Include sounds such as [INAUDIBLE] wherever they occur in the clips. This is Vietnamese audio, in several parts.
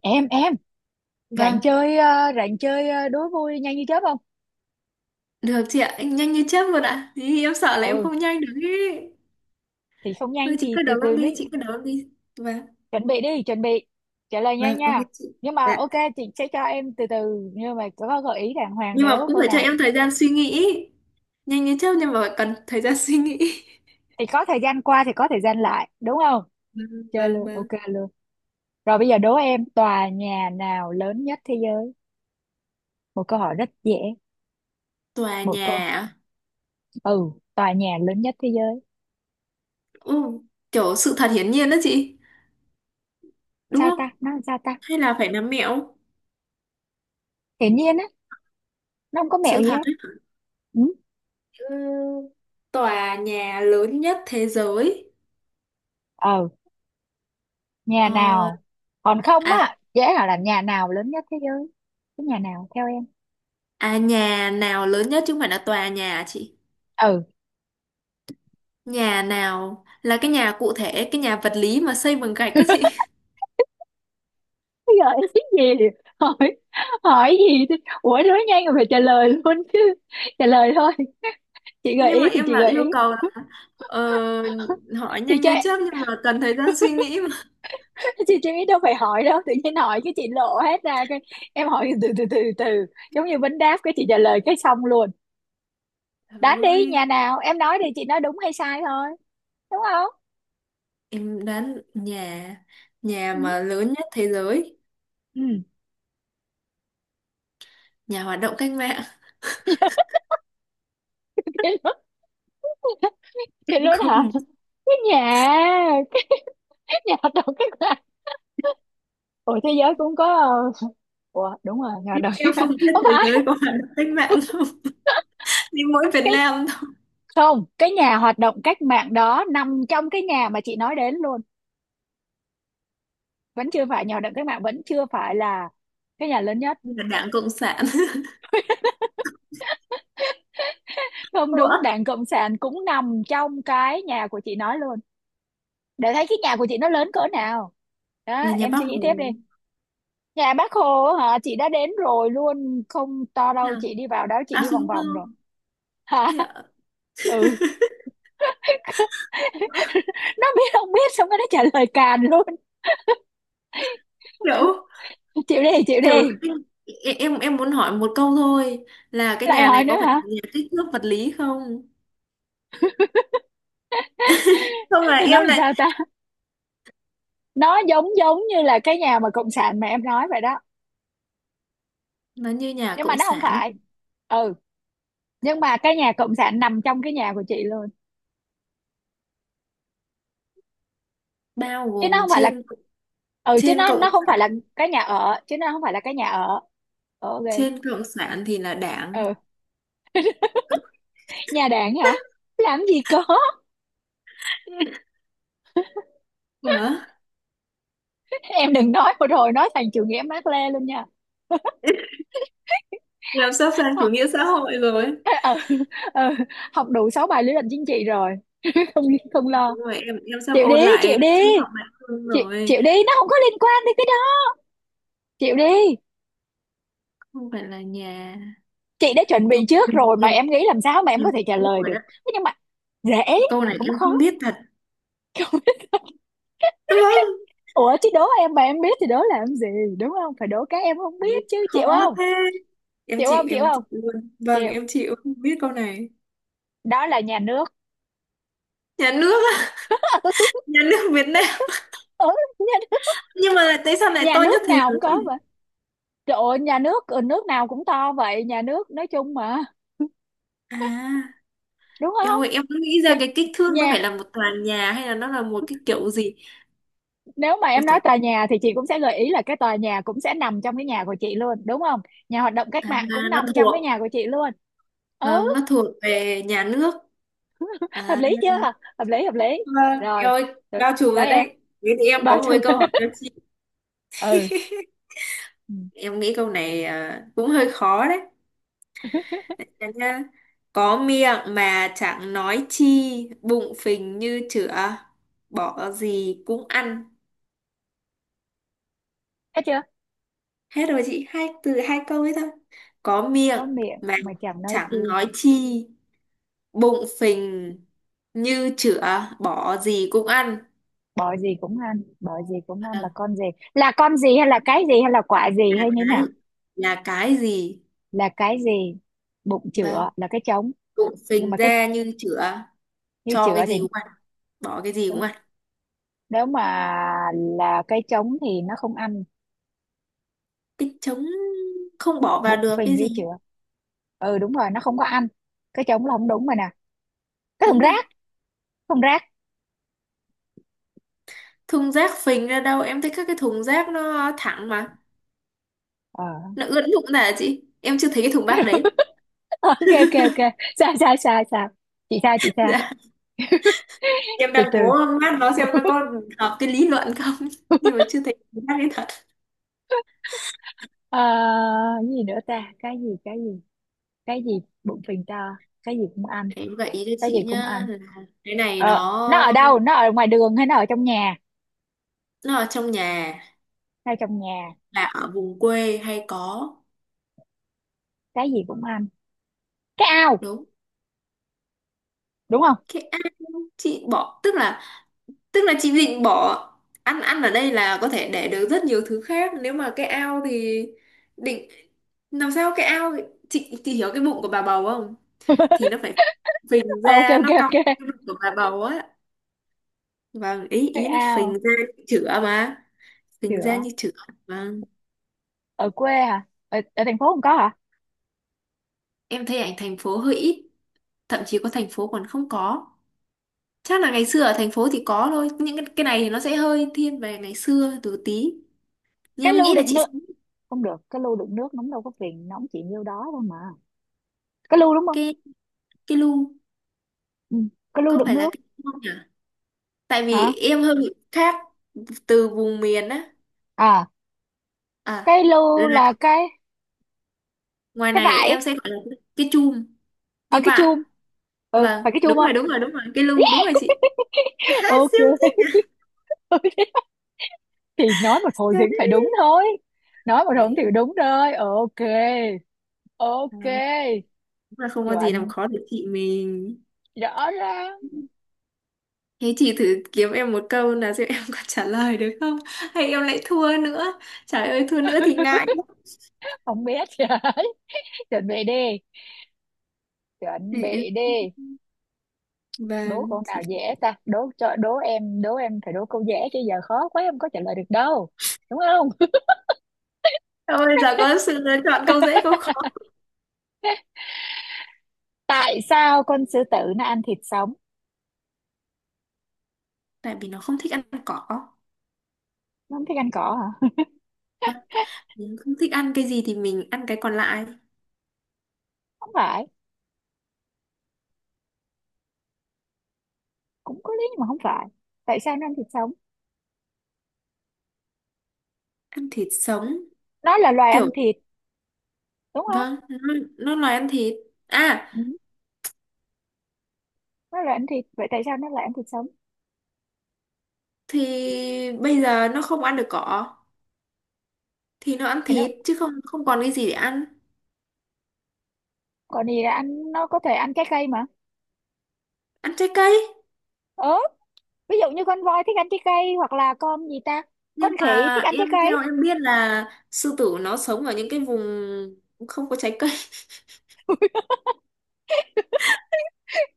Em rảnh Vâng, chơi, ờ, rảnh chơi, ờ, đố vui nhanh như chớp không? được chị ạ, anh nhanh như chớp luôn ạ. Thì em sợ là em Ừ, không nhanh được ấy. thì không nhanh Thôi chị thì cứ từ đấu từ em nó. đi, chị cứ đấu em đi. Vâng, Chuẩn bị đi, chuẩn bị trả lời vâng, nhanh ok nha. chị. Nhưng mà Dạ. ok, chị sẽ cho em từ từ, nhưng mà có gợi ý đàng hoàng Nhưng mà nếu cũng câu phải cho nào em thời gian suy nghĩ. Nhanh như chớp nhưng mà cần thời gian suy nghĩ. [LAUGHS] thì có thời gian qua, thì có thời gian lại, đúng không? Vâng, Chơi vâng, luôn, ok vâng. luôn. Rồi bây giờ đố em, tòa nhà nào lớn nhất thế giới? Một câu hỏi rất dễ. Tòa Một nhà, câu. à? Ừ, tòa nhà lớn nhất thế giới. Ừ, kiểu sự thật hiển nhiên đó chị, đúng Sao không? ta, nó làm sao ta, Hay là phải nắm mẹo? hiển nhiên á? Nó không có mẹo Sự gì thật hết. ấy. Ừ. Ừ, tòa nhà lớn nhất thế giới. Ờ. Nhà Ờ, nào? Còn không à, á, dễ là làm, nhà nào lớn nhất thế giới? Cái nhà nào theo em? à nhà nào lớn nhất chứ không phải là tòa nhà à chị? Ừ. Nhà nào là cái nhà cụ thể, cái nhà vật lý mà xây bằng gạch các chị. [LAUGHS] Bây giờ em, cái gì, hỏi, hỏi gì thế? Ủa nói nhanh rồi phải trả lời luôn chứ, trả lời thôi. Chị gợi Nhưng ý mà thì chị em bảo gợi ý. yêu cầu là ờ, hỏi Thì nhanh cho như em- chớp nhưng mà cần thời gian suy nghĩ mà. chị đâu phải hỏi đâu, tự nhiên hỏi cái chị lộ hết ra cái. Em hỏi từ từ từ từ, giống như vấn đáp cái chị trả lời cái xong luôn. Đoán đi, nhà Thôi, nào em nói thì chị nói đúng hay sai thôi, đúng không? em đoán nhà nhà Ừ. mà lớn nhất thế giới, Ừ. nhà hoạt động cách mạng. [LAUGHS] [LAUGHS] Thì Em luôn không hả? Cái nhà. [LAUGHS] Nhà hoạt động cách mạng? Ủa thế giới cũng có, ờ, ủa đúng rồi, nhà hoạt động em cách không mạng biết không thế phải. giới có hoạt động cách mạng không. [LAUGHS] Đi mỗi Việt Cái, Nam thôi, không, cái nhà hoạt động cách mạng đó nằm trong cái nhà mà chị nói đến luôn, vẫn chưa phải. Nhà hoạt động cách mạng vẫn chưa phải là cái nhà lớn nhất. là Đảng Cộng sản. [LAUGHS] Không đúng, Ủa? đảng cộng sản cũng nằm trong cái nhà của chị nói luôn, để thấy cái nhà của chị nó lớn cỡ nào. Đó, Là nhà em suy Bác nghĩ tiếp đi. Hồ. Nhà bác Hồ á hả, chị đã đến rồi luôn, không to Thế đâu, à? chị đi vào đó chị À đi không, vòng vòng rồi. không. Hả? Thế ạ? [LAUGHS] Ừ. Nó biết không biết xong cái nó trả lời càn luôn. Kiểu, Chịu đi, chịu kiểu đi. em muốn hỏi một câu thôi, là cái Lại nhà hỏi này nữa có phải hả? là nhà kích thước vật lý không, không là Nói em làm lại, sao ta, nó giống giống như là cái nhà mà cộng sản mà em nói vậy đó, nó như nhà nhưng mà cộng nó không sản, phải. Ừ. Nhưng mà cái nhà cộng sản nằm trong cái nhà của chị luôn, bao chứ nó gồm không phải là. trên, Ừ, chứ trên nó cộng nó không phải là sản, cái nhà ở, chứ nó không phải là cái nhà ở. Ờ, ok. trên cộng sản thì là đảng. Ừ. Nhà đảng hả? Làm gì có. Ủa, Em đừng nói một hồi nói thành chủ nghĩa Mác Lê luôn nha. làm sắp sang chủ nghĩa xã hội rồi. Ờ, ừ, ừ, học đủ 6 bài lý luận chính trị rồi. Không, không lo. Đúng rồi, em sắp Chịu đi, ôn lại chịu đi, triết học Mạc Lương chịu rồi. chịu đi, nó không có liên quan đến cái đó, chịu đi. Không phải là nhà. Chị đã chuẩn bị Thôi trước em rồi mà em em nghĩ làm sao mà em có thể trả biết lời rồi được. đó, Thế nhưng mà dễ câu này cũng em khó. không biết thật, vâng. Ủa chứ đố em mà em biết thì đố làm gì, đúng không? Phải đố cái em không Ôi, biết chứ. khó Chịu không? thế, em Chịu chịu không? Chịu em không? chịu luôn, vâng Chịu. em chịu không biết câu này. Đó là nhà nước. Nhà nước á, nhà [LAUGHS] nước Việt Nam, Ừ, nhà nước. nhưng mà tại sao lại Nhà to nhất nước thế nào giới? cũng có vậy. Trời ơi, nhà nước, ừ, nước nào cũng to vậy, nhà nước nói chung mà. [LAUGHS] À, Đúng em không? ơi, em cứ nghĩ Thì ra cái kích thước nó phải là nhà, một tòa nhà hay là nó là một cái kiểu gì. nếu mà Ôi em trời, nói tòa nhà thì chị cũng sẽ gợi ý là cái tòa nhà cũng sẽ nằm trong cái nhà của chị luôn, đúng không? Nhà hoạt động cách à, mạng cũng nó nằm trong cái thuộc, nhà của chị luôn. Ừ. vâng nó thuộc về nhà nước. Hợp À, lý chưa? Hợp lý, hợp lý. vâng Rồi, em ơi, rồi, bao trùm tới rồi em. đấy, thế thì em có Bao một cái trùm. câu hỏi cho chị. [LAUGHS] Ừ. Ừ. Em nghĩ câu này cũng hơi khó đấy. Dạ nhá. Có miệng mà chẳng nói chi, bụng phình như chửa, bỏ gì cũng ăn. Thấy chưa. Hết rồi chị, hai từ hai câu ấy thôi. Có miệng Có miệng mà mà chẳng nói chẳng chi, nói chi, bụng phình như chửa, bỏ gì cũng ăn. bỏ gì cũng ăn. Bỏ gì cũng ăn là À, con gì, là con gì hay là cái gì hay là quả là gì hay như thế nào? cái là cái gì? Là cái gì? Bụng Vâng, chửa là cái trống. bụng Nhưng phình mà cái, ra như chửa, như cho chửa cái thì, gì cũng ăn, bỏ cái gì cũng nếu ăn. nếu mà là cái trống thì nó không ăn. Cái trống không bỏ vào Bụng được phì cái như gì. chửa. Ừ đúng rồi, nó không có ăn. Cái trống là không đúng rồi nè. Cái thùng Đúng rồi. rác. Thùng rác. Thùng rác phình ra đâu, em thấy các cái thùng rác nó thẳng mà. Ờ. [LAUGHS] Nó ướn đụng là chị em chưa thấy cái thùng bát đấy. Ok ok ok, sai sai sai sai, chị sai chị [LAUGHS] sai. Dạ, em Từ đang từ. cố mát nó xem nó có hợp cái lý luận không. [LAUGHS] Nhưng mà chưa thấy thùng bát đấy thật. Ờ, cái gì nữa ta, cái gì cái gì, cái gì, bụng phình to, cái gì cũng ăn, Em gợi ý cho cái gì chị cũng nhá, ăn. là cái này Ờ nó ở nó đâu, nó ở ngoài đường hay nó ở trong nhà? nó ở trong nhà, Nó ở trong nhà. là ở vùng quê hay có. Cái gì cũng ăn. Cái ao, Đúng, đúng không? cái ao, chị bỏ tức là chị định bỏ, ăn ăn ở đây là có thể để được rất nhiều thứ khác, nếu mà cái ao thì định làm sao cái ao. Chị hiểu cái bụng của bà bầu không, thì nó phải phình Ờ, ok ra, ok nó cong cái ok. bụng của bà bầu á. Vâng, ý Cái ý nó phình ao. ra như chữa mà, phình ra Chữa. như chữa. Vâng, Ở quê hả? Ở, ở thành phố không có hả? em thấy ảnh thành phố hơi ít, thậm chí có thành phố còn không có, chắc là ngày xưa ở thành phố thì có thôi, những cái này thì nó sẽ hơi thiên về ngày xưa từ tí, nhưng Cái em lu nghĩ là đựng chị nước. sẽ biết. Không được, cái lu đựng nước nóng đâu, có phiền nóng chỉ nhiêu đó thôi mà. Cái lu đúng không? Cái cái lu Ừ. Cái lu có đựng phải là nước. cái không nhỉ, tại Hả? vì em hơi bị khác từ vùng miền á. À À, cái lu là là cái ngoài cái này em vải? sẽ gọi là cái chum, Ở đi cái chum. vạ. Ừ Vâng phải cái chum đúng không? rồi đúng rồi đúng rồi, cái lu đúng rồi chị. [LAUGHS] [LAUGHS] Há, Ok. siêu thích nhỉ? [LAUGHS] Thì nói một hồi Siêu thì cũng phải thích. đúng thôi, nói một hồi thì Đấy, đúng rồi, ok. Ok. ờ, đúng là không có gì làm Chuẩn, khó được chị mình. rõ ràng. Thế chị thử kiếm em một câu là xem em có trả lời được không, hay em lại thua nữa, trời ơi thua nữa thì ngại lắm. Không biết. [LAUGHS] Trời, chuẩn bị đi, chuẩn Để em-, bị đi. Đố câu vâng, nào dễ ta, đố cho đố em, đố em phải đố câu dễ chứ giờ khó quá em có trả lời được đâu, đúng không? [LAUGHS] thôi giờ có sự lựa chọn câu dễ câu khó. Tại sao con sư tử nó ăn thịt sống? Tại vì nó không thích ăn cỏ. Nó không thích ăn cỏ hả? Mình không thích ăn cái gì thì mình ăn cái còn lại. Không phải, cũng có lý nhưng mà không phải. Tại sao nó ăn thịt sống? Ăn thịt sống. Nó là loài ăn Kiểu, thịt, đúng không? vâng, nó nói ăn thịt. À, Ừ. Nó là ăn thịt vậy tại sao nó lại ăn thịt sống? thì bây giờ nó không ăn được cỏ. Thì nó ăn Thì nó, thịt, chứ không không còn cái gì để ăn. còn gì là ăn, nó có thể ăn trái cây mà. Ăn trái cây. Ừ. Ví dụ như con voi thích ăn trái cây hoặc là con gì ta, con Nhưng khỉ, mà thích ăn trái em theo cây. em biết là sư tử nó sống ở những cái vùng không có trái cây. [LAUGHS]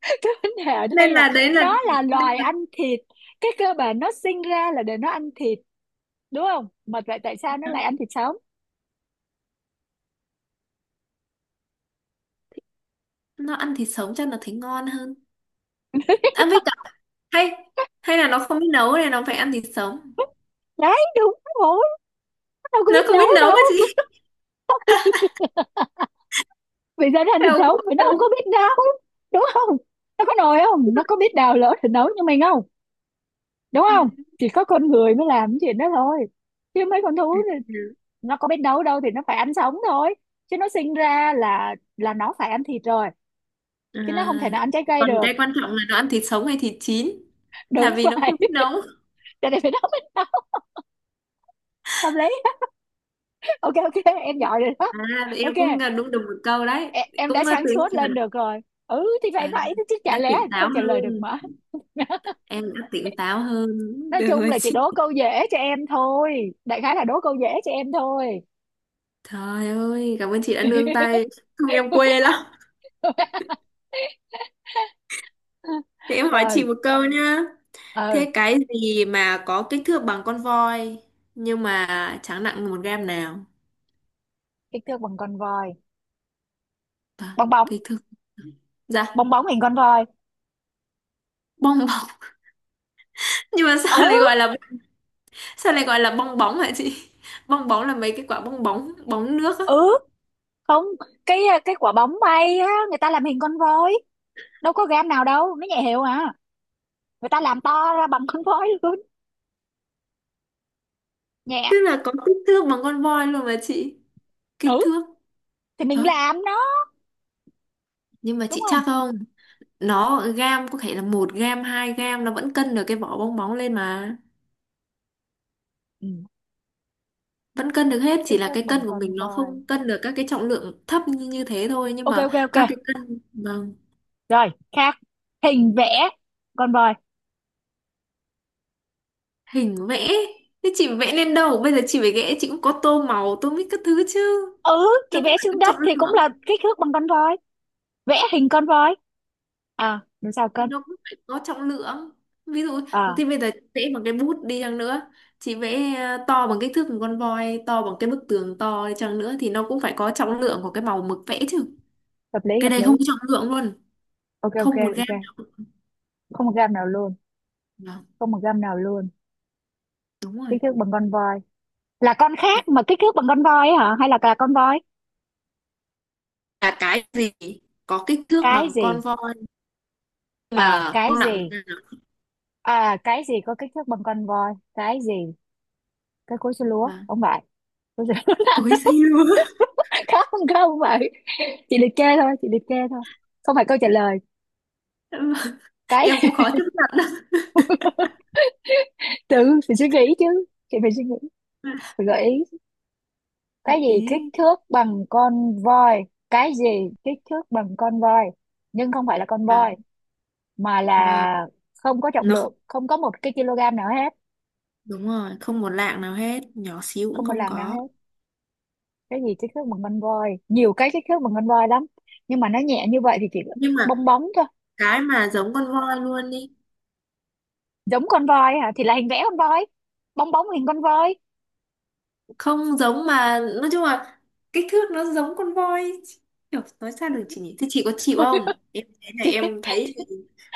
[LAUGHS] Cái vấn đề ở đây Nên là là đấy là, nó là nên loài là ăn thịt, cái cơ bản nó sinh ra là để nó ăn thịt, đúng không? Mà vậy tại sao nó lại nó ăn thịt sống? nó ăn thịt sống chắc là thấy ngon hơn. Ăn với cả, hay, hay là nó không biết nấu nên nó phải ăn thịt sống. Đấy đúng rồi, nó đâu có Nó biết không nấu biết nấu cái gì. đâu. [LAUGHS] [LAUGHS] Vì sao nó ăn thịt Theo sống, khẩu vì nó không có biết nấu, đúng không? Nó có nồi không, nó có biết đào lỗ để nấu như mình không, đúng không? phần. Chỉ có con người mới làm cái chuyện đó thôi, chứ mấy con Ừ. thú thì nó có biết nấu đâu, thì nó phải ăn sống thôi, chứ nó sinh ra là nó phải ăn thịt rồi, chứ nó À, không thể nào ăn trái cây còn được. cái quan trọng là nó ăn thịt sống hay thịt chín là Đúng vì nó vậy. không biết [LAUGHS] nấu. Cho nên phải nấu, mới nấu. Hợp lý. Ok ok. [LAUGHS] Em giỏi rồi đó. À thì em Ok, cũng đúng được một câu đấy, em đã cũng sáng tự suốt nhiên lên là được rồi. Ừ thì phải à, vậy chứ chả đã lẽ tỉnh táo không trả lời được hơn, mà. [LAUGHS] em đã tỉnh táo hơn. Nói Được chung rồi là chị chị, đố câu dễ cho em thôi, đại khái là đố câu dễ cho em thôi. trời ơi cảm ơn chị đã nương tay, [LAUGHS] không em quê lắm. Thì em hỏi Rồi. chị một câu nhá, Ừ. thế cái gì mà có kích thước bằng con voi nhưng mà chẳng nặng một gram nào. Kích thước bằng con voi. À, Bong bóng. kích thước. Dạ, Bong bóng hình con voi. bong bóng. [LAUGHS] Nhưng mà sao lại Ừ. gọi là, sao lại gọi là bong bóng hả chị? [LAUGHS] Bong bóng là mấy cái quả bong bóng, bóng nước á. Ừ. Không, cái, cái quả bóng bay á người ta làm hình con voi, đâu có gam nào đâu, nó nhẹ hiệu à, người ta làm to ra bằng con voi luôn, nhẹ. Tức là có kích thước bằng con voi luôn mà chị. Kích Ừ, thước. thì Đó. mình làm nó, Nhưng mà đúng chị không? chắc không? Nó gam có thể là một gam, hai gam nó vẫn cân được cái vỏ bong bóng lên mà. Ừ. Vẫn cân được hết, chỉ Kích là thước cái cân bằng của con mình nó voi. không cân được các cái trọng lượng thấp như thế thôi. Nhưng Ok mà ok ok. các cái cân, vâng, Rồi khác. Hình vẽ con voi. hình vẽ. Thế chị vẽ lên đâu? Bây giờ chị phải vẽ, chị cũng có tô màu, tô mít các thứ chứ. Ừ chị Nó cũng vẽ phải xuống có đất trọng thì cũng lượng. là kích thước bằng con voi. Vẽ hình con voi. À làm sao cân. Nó cũng phải có trọng lượng, ví dụ À, thì bây giờ chị vẽ bằng cái bút đi chăng nữa, chị vẽ to bằng kích thước một con voi, to bằng cái bức tường to đi chăng nữa thì nó cũng phải có trọng lượng của cái màu mực vẽ chứ. hợp lý Cái hợp này lý. không có trọng lượng luôn, Ok ok không một gram. ok. Không một gam nào luôn. Vâng, Không một gam nào luôn. đúng rồi. Kích thước bằng con voi. Là con Nó khác mà kích thước bằng con voi ấy hả, hay là con voi? là cái gì có kích thước Cái bằng con gì? voi À mà cái không nặng một gì? gram. À cái gì có kích thước bằng con voi? Cái gì, cái cối xay lúa Và không phải? Cối xay- lúa. cối xay lúa. [LAUGHS] [LAUGHS] Khác, không, không phải, chị liệt kê thôi, chị liệt kê thôi, không phải câu trả lời. Vâng, em Cái. cũng khó chấp nhận [LAUGHS] Tự phải suy nghĩ chứ, chị phải suy nghĩ, lắm. phải gợi ý. Cái Đại gì kích ý thước bằng con voi, cái gì kích thước bằng con voi nhưng không phải là con vâng, voi, mà là vâng không có trọng nó lượng, không có một cái kg nào hết. đúng rồi, không một lạng nào hết, nhỏ xíu cũng Không một không lần nào có. hết. Cái gì kích thước bằng con voi, nhiều cái kích thước bằng con voi lắm, nhưng mà nó nhẹ như vậy thì chỉ Nhưng mà bong bóng thôi. cái mà giống con voi luôn đi, Giống con voi hả, thì là hình vẽ con voi, bong bóng hình con voi. không giống mà nói chung là kích thước nó giống con voi, kiểu nói sao được chị nhỉ, thế chị có chịu không, em thế [LAUGHS] này Chị em thấy thì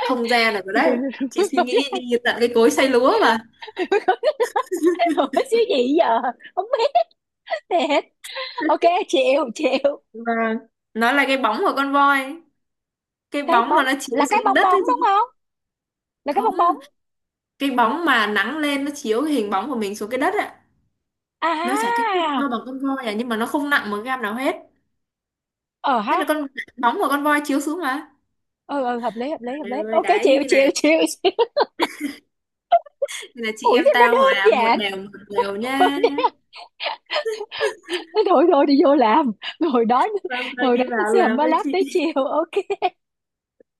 không ra được rồi từ đấy, chị suy nghĩ đi tận cái cối xay lúa mà. từ. [LAUGHS] Ủa. [LAUGHS] Xíu gì giờ, không biết thiệt. Ok, chịu chịu. Và nó là cái bóng của con voi, cái Cái bóng bóng mà nó chiếu là cái xuống bong đất bóng ấy đúng chị. không, là cái bong bóng. Không, cái bóng mà nắng lên nó chiếu cái hình bóng của mình xuống cái đất ạ. Nó chả kích thước À. to bằng con voi à, nhưng mà nó không nặng một gam nào hết, Ờ nên ha. là con, bóng của con voi chiếu xuống mà. Ừ ừ, hợp lý hợp lý hợp Trời lý, ơi ok, đấy chịu thế này, chịu chịu. [LAUGHS] Chịu. thế là chị Ủi em sao nó tao đơn hòa giản. Một đều [LAUGHS] nhá. Thôi, thôi đi vô làm, ngồi đói, Vâng, thôi ngồi đó đi vào xem làm mới với lát tới chị. chiều, ok.